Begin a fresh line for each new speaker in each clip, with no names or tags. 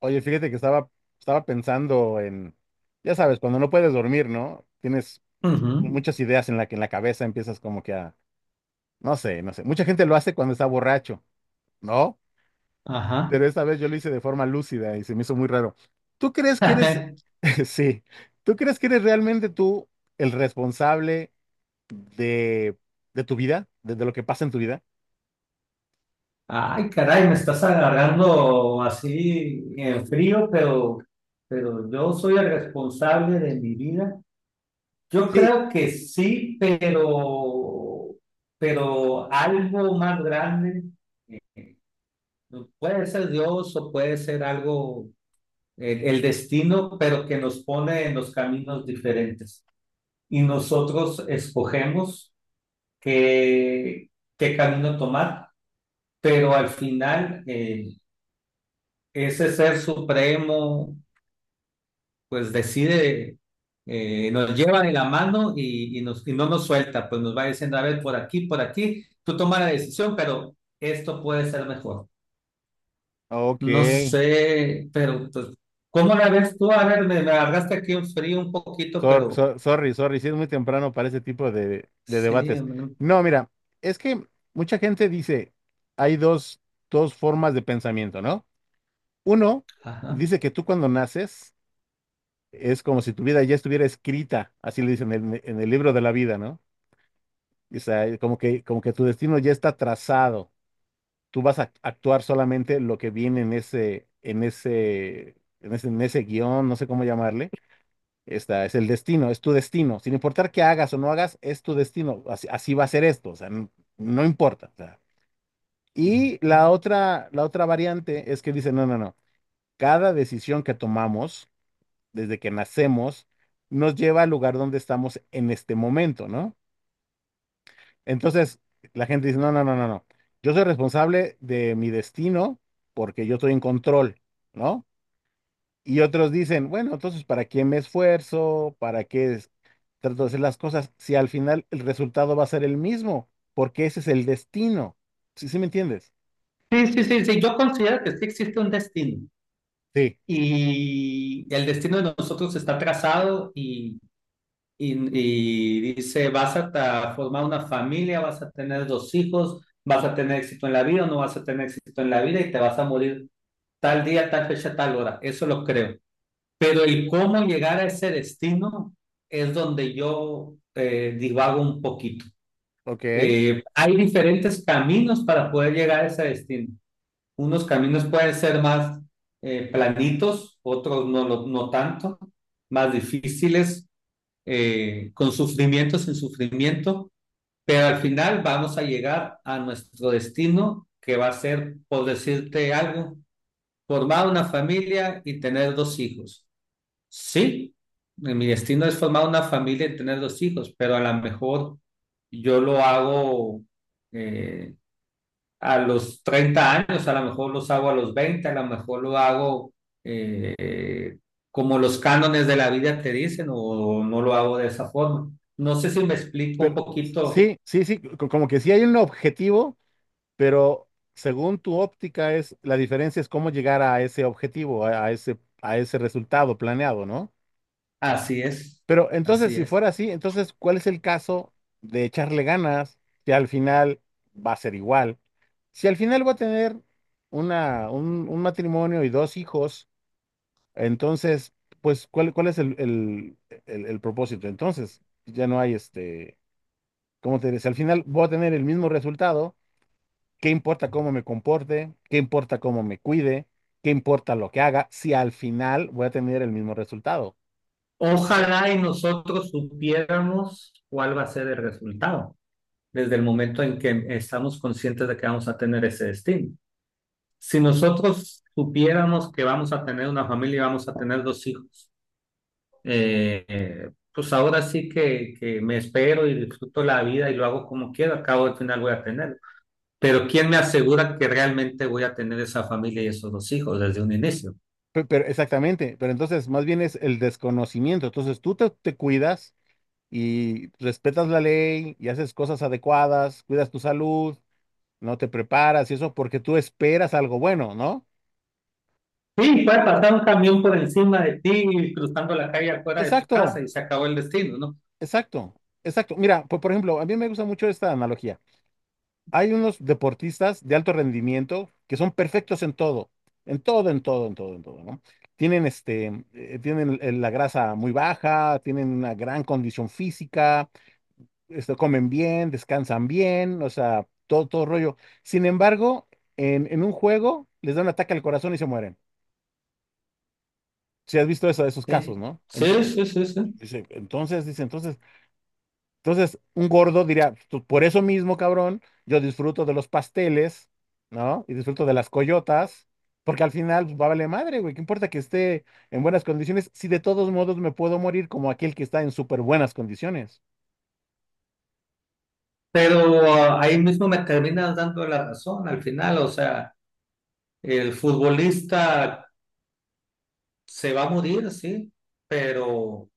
Oye, fíjate que estaba pensando en, ya sabes, cuando no puedes dormir, ¿no? Tienes mu-
Ujú.
muchas ideas en la cabeza, empiezas como que a, no sé, no sé. Mucha gente lo hace cuando está borracho, ¿no?
Ajá.
Pero esta vez yo lo hice de forma lúcida y se me hizo muy raro. ¿Tú crees que eres, Sí, ¿tú crees que eres realmente tú el responsable de, de, tu vida, de lo que pasa en tu vida?
Ay, caray, me estás agarrando así en frío, pero, yo soy el responsable de mi vida. Yo
Sí.
creo que sí, pero algo más grande. Puede ser Dios o puede ser algo, el destino, pero que nos pone en los caminos diferentes. Y nosotros escogemos qué, qué camino tomar. Pero al final ese ser supremo pues decide, nos lleva de la mano y y no nos suelta, pues nos va diciendo, a ver, por aquí, tú toma la decisión, pero esto puede ser mejor.
Ok.
No sé, pero pues, ¿cómo la ves tú? A ver, me agarraste aquí un frío un poquito, pero
Sorry, sorry, sí es muy temprano para ese tipo de
sí,
debates.
mm,
No, mira, es que mucha gente dice, hay dos formas de pensamiento, ¿no? Uno
ajá.
dice que tú, cuando naces, es como si tu vida ya estuviera escrita, así le dicen, en, el libro de la vida, ¿no? O sea, como que tu destino ya está trazado, tú vas a actuar solamente lo que viene en ese guión, no sé cómo llamarle. Esta es el destino, es tu destino. Sin importar qué hagas o no hagas, es tu destino. Así, así va a ser esto, o sea, no importa, o sea. Y la otra variante es que dice, no, no, no. Cada decisión que tomamos desde que nacemos nos lleva al lugar donde estamos en este momento, ¿no? Entonces, la gente dice, no, no, no, no, no. Yo soy responsable de mi destino porque yo estoy en control, ¿no? Y otros dicen, bueno, entonces, ¿para qué me esfuerzo? ¿Para qué trato de hacer las cosas? Si al final el resultado va a ser el mismo, porque ese es el destino. ¿Sí, sí me entiendes?
Sí, sí, sí, sí, yo considero que sí existe un destino
Sí.
y el destino de nosotros está trazado y, y dice, vas a formar una familia, vas a tener dos hijos, vas a tener éxito en la vida o no vas a tener éxito en la vida y te vas a morir tal día, tal fecha, tal hora. Eso lo creo. Pero el cómo llegar a ese destino es donde yo divago un poquito.
Ok.
Hay diferentes caminos para poder llegar a ese destino. Unos caminos pueden ser más planitos, otros no, no tanto, más difíciles con sufrimiento, sin sufrimiento, pero al final vamos a llegar a nuestro destino, que va a ser, por decirte algo, formar una familia y tener dos hijos. Sí, mi destino es formar una familia y tener dos hijos, pero a lo mejor yo lo hago eh, a los 30 años, a lo mejor los hago a los 20, a lo mejor lo hago eh, como los cánones de la vida te dicen o no lo hago de esa forma. No sé si me explico un
Pero
poquito.
sí, sí, sí, como que sí hay un objetivo, pero según tu óptica es, la diferencia es cómo llegar a ese objetivo, a ese resultado planeado, ¿no?
Así es,
Pero entonces,
así
si
es.
fuera así, entonces, ¿cuál es el caso de echarle ganas, que al final va a ser igual? Si al final voy a tener un matrimonio y dos hijos, entonces, pues, ¿¿cuál es el propósito? Entonces, ya no hay ¿cómo te diré? Si al final voy a tener el mismo resultado, ¿qué importa cómo me comporte? ¿Qué importa cómo me cuide? ¿Qué importa lo que haga? Si al final voy a tener el mismo resultado, ¿no crees?
Ojalá y nosotros supiéramos cuál va a ser el resultado desde el momento en que estamos conscientes de que vamos a tener ese destino. Si nosotros supiéramos que vamos a tener una familia y vamos a tener dos hijos, eh, pues ahora sí que me espero y disfruto la vida y lo hago como quiero, al cabo del final voy a tener. Pero ¿quién me asegura que realmente voy a tener esa familia y esos dos hijos desde un inicio?
Pero, exactamente, pero entonces más bien es el desconocimiento. Entonces tú te cuidas y respetas la ley y haces cosas adecuadas, cuidas tu salud, no te preparas y eso porque tú esperas algo bueno, ¿no?
Sí, puede pasar un camión por encima de ti y cruzando la calle afuera de tu casa
Exacto,
y se acabó el destino, ¿no?
exacto, exacto. Mira, por ejemplo, a mí me gusta mucho esta analogía. Hay unos deportistas de alto rendimiento que son perfectos en todo, en todo, en todo, en todo, en todo, ¿no? Tienen la grasa muy baja, tienen una gran condición física, comen bien, descansan bien, o sea, todo, todo rollo. Sin embargo, en, un juego les da un ataque al corazón y se mueren. ¿Si has visto eso, de esos casos,
Sí,
no?
sí, sí, sí, sí.
Dice, entonces, un gordo diría, Por eso mismo, cabrón, yo disfruto de los pasteles, ¿no? Y disfruto de las coyotas, porque al final, pues, va a valer madre, güey, ¿qué importa que esté en buenas condiciones si de todos modos me puedo morir como aquel que está en súper buenas condiciones?"
Pero ahí mismo me terminas dando la razón al final, o sea, el futbolista se va a morir, sí, pero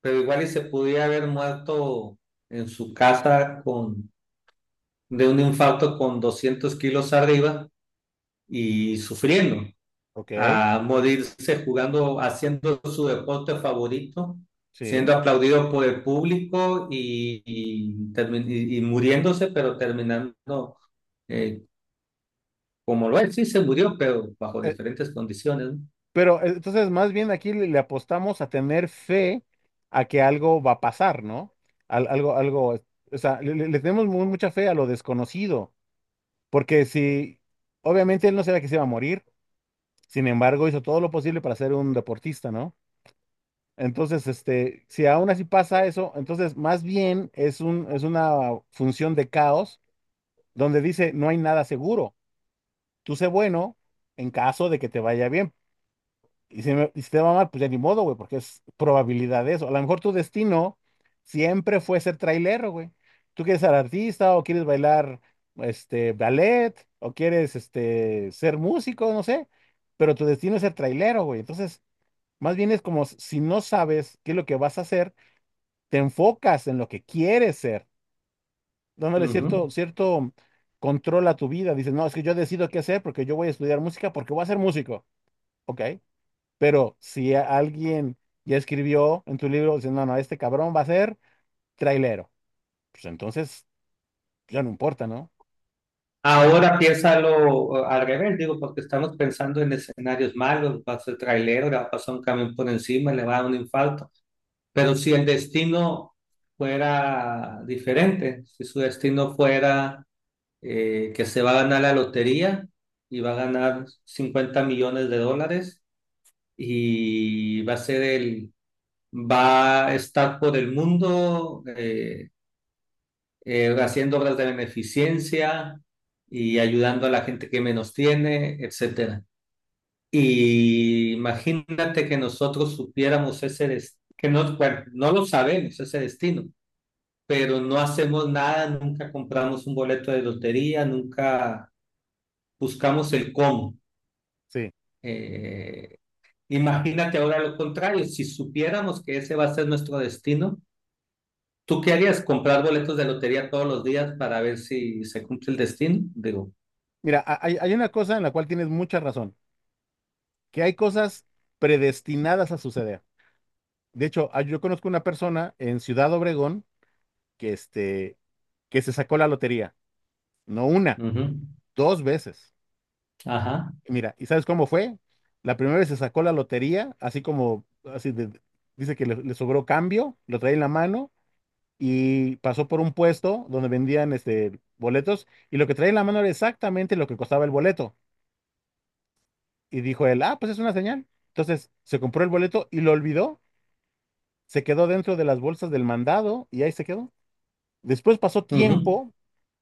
igual y se pudiera haber muerto en su casa de un infarto con 200 kilos arriba y sufriendo,
Ok.
a morirse jugando, haciendo su deporte favorito,
Sí.
siendo aplaudido por el público y muriéndose, pero terminando eh, como lo es, sí se murió, pero bajo
Eh,
diferentes condiciones.
pero entonces, más bien aquí le apostamos a tener fe a que algo va a pasar, ¿no? Algo, algo, o sea, le tenemos mucha fe a lo desconocido. Porque, si, obviamente él no sabía que se iba a morir, sin embargo hizo todo lo posible para ser un deportista, ¿no? Entonces, si aún así pasa eso, entonces más bien es una función de caos, donde dice, no hay nada seguro. Tú sé bueno en caso de que te vaya bien, y si te va mal, pues ya ni modo, güey, porque es probabilidad de eso. A lo mejor tu destino siempre fue ser trailero, güey. Tú quieres ser artista o quieres bailar, ballet, o quieres, ser músico, no sé, pero tu destino es ser trailero, güey. Entonces, más bien es como si no sabes qué es lo que vas a hacer, te enfocas en lo que quieres ser,
¿No?
dándole cierto,
Ujú.
cierto control a tu vida. Dices, no, es que yo decido qué hacer porque yo voy a estudiar música porque voy a ser músico. Ok. Pero si alguien ya escribió en tu libro, dice, no, no, este cabrón va a ser trailero, pues entonces ya no importa, ¿no?
Ahora piénsalo, al revés, digo, porque estamos pensando en escenarios malos, va a ser trailero, le va a pasar un camión por encima, le va a dar un infarto. Pero si el destino fuera diferente, si su destino fuera que se va a ganar la lotería y va a ganar 50 millones de dólares y va a ser el, va a estar por el mundo haciendo obras de beneficencia y ayudando a la gente que menos tiene, etcétera. Y imagínate que nosotros supiéramos ese destino, que no, bueno, no lo sabemos, ese destino, pero no hacemos nada, nunca compramos un boleto de lotería, nunca buscamos el cómo.
Sí.
Eh, Imagínate ahora lo contrario, si supiéramos que ese va a ser nuestro destino, ¿tú qué harías? ¿Comprar boletos de lotería todos los días para ver si se cumple el destino? Digo,
Mira, hay una cosa en la cual tienes mucha razón, que hay cosas predestinadas a suceder. De hecho, ah, yo conozco una persona en Ciudad Obregón que, este, que se sacó la lotería, no una,
ujú,
dos veces.
ajá.
Y mira, ¿y sabes cómo fue? La primera vez se sacó la lotería, así como, así de- dice que le sobró cambio, lo trae en la mano y pasó por un puesto donde vendían, boletos, y lo que traía en la mano era exactamente lo que costaba el boleto. Y dijo él, ah, pues es una señal. Entonces se compró el boleto y lo olvidó, se quedó dentro de las bolsas del mandado y ahí se quedó. Después pasó
Ujú.
tiempo,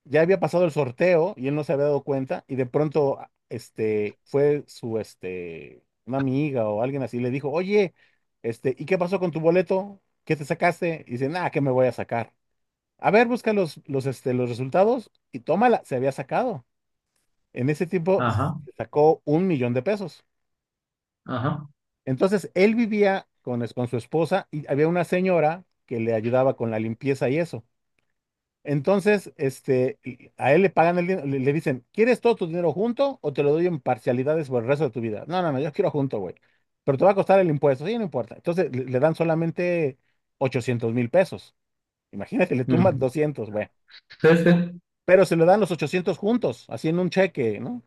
ya había pasado el sorteo y él no se había dado cuenta, y de pronto, ah, fue su, una amiga o alguien así, le dijo, oye, ¿y qué pasó con tu boleto? ¿Qué te sacaste? Y dice, nada, ¿qué me voy a sacar? A ver, busca los resultados, y tómala, se había sacado. En ese tiempo
Ajá.
sacó 1,000,000 pesos.
Ajá.
Entonces, él vivía con su esposa, y había una señora que le ayudaba con la limpieza y eso. Entonces, y a él le pagan el dinero, le dicen, ¿quieres todo tu dinero junto o te lo doy en parcialidades por el resto de tu vida? No, no, no, yo quiero junto, güey. Pero te va a costar el impuesto. Sí, no importa. Entonces, le dan solamente 800,000 pesos. Imagínate, le tumban
Mm.
200, güey.
Sí, sí.
Pero se le dan los 800 juntos, así, en un cheque, ¿no?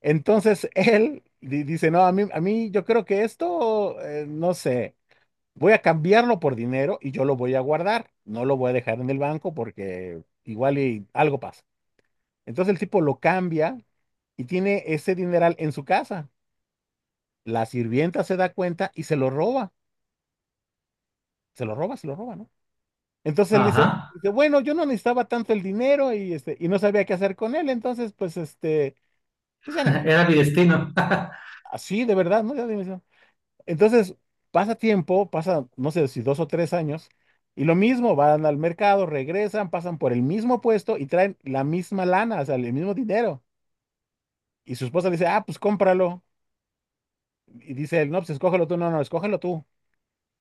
Entonces él dice, no, a mí, yo creo que esto, no sé, voy a cambiarlo por dinero y yo lo voy a guardar, no lo voy a dejar en el banco porque igual y algo pasa. Entonces el tipo lo cambia y tiene ese dineral en su casa. La sirvienta se da cuenta y se lo roba, se lo roba, se lo roba, ¿no? Entonces él dice,
Ajá.
bueno, yo no necesitaba tanto el dinero, y, y no sabía qué hacer con él, entonces pues, pues ya ni modo.
Era mi destino.
Así, de verdad, no era dimensión. Entonces, pasa tiempo, pasa, no sé si 2 o 3 años, y lo mismo, van al mercado, regresan, pasan por el mismo puesto y traen la misma lana, o sea, el mismo dinero. Y su esposa le dice, ah, pues cómpralo. Y dice él, no, pues escógelo tú, no, no, escógelo tú.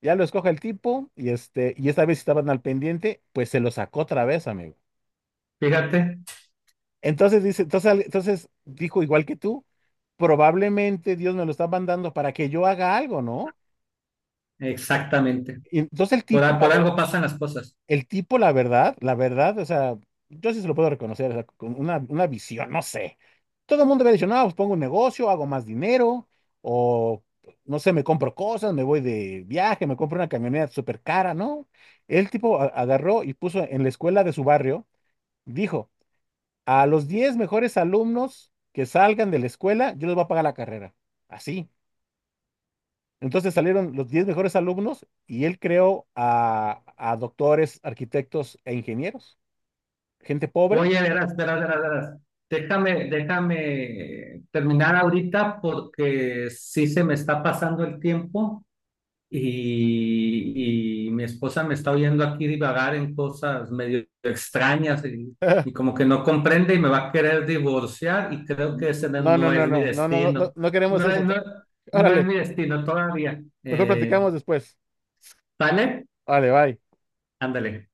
Ya lo escoge el tipo, y, y esta vez estaban al pendiente, pues se lo sacó otra vez, amigo.
Fíjate.
Entonces dijo, igual que tú, probablemente Dios me lo está mandando para que yo haga algo, ¿no?
Exactamente.
Y entonces el
Por,
tipo,
a-
la
por
verdad,
algo pasan las cosas.
La verdad, o sea, yo sí se lo puedo reconocer, o sea, con una, visión, no sé. Todo el mundo había dicho, no, pues pongo un negocio, hago más dinero, o no sé, me compro cosas, me voy de viaje, me compro una camioneta súper cara, ¿no? El tipo agarró y puso en la escuela de su barrio, dijo, a los 10 mejores alumnos que salgan de la escuela, yo les voy a pagar la carrera. Así. Entonces salieron los 10 mejores alumnos, y él creó a doctores, arquitectos e ingenieros, gente pobre.
Oye, verás, verás, verás, verás. Déjame terminar ahorita porque sí se me está pasando el tiempo, y mi esposa me está oyendo aquí divagar en cosas medio extrañas y como que no comprende y me va a querer divorciar y creo que ese no
No, no,
no
no,
es mi
no, no, no, no, no,
destino.
no queremos
No,
eso.
no, no es
Órale,
mi destino todavía.
mejor
¿Eh,
platicamos después.
vale?
Vale, bye.
Ándale.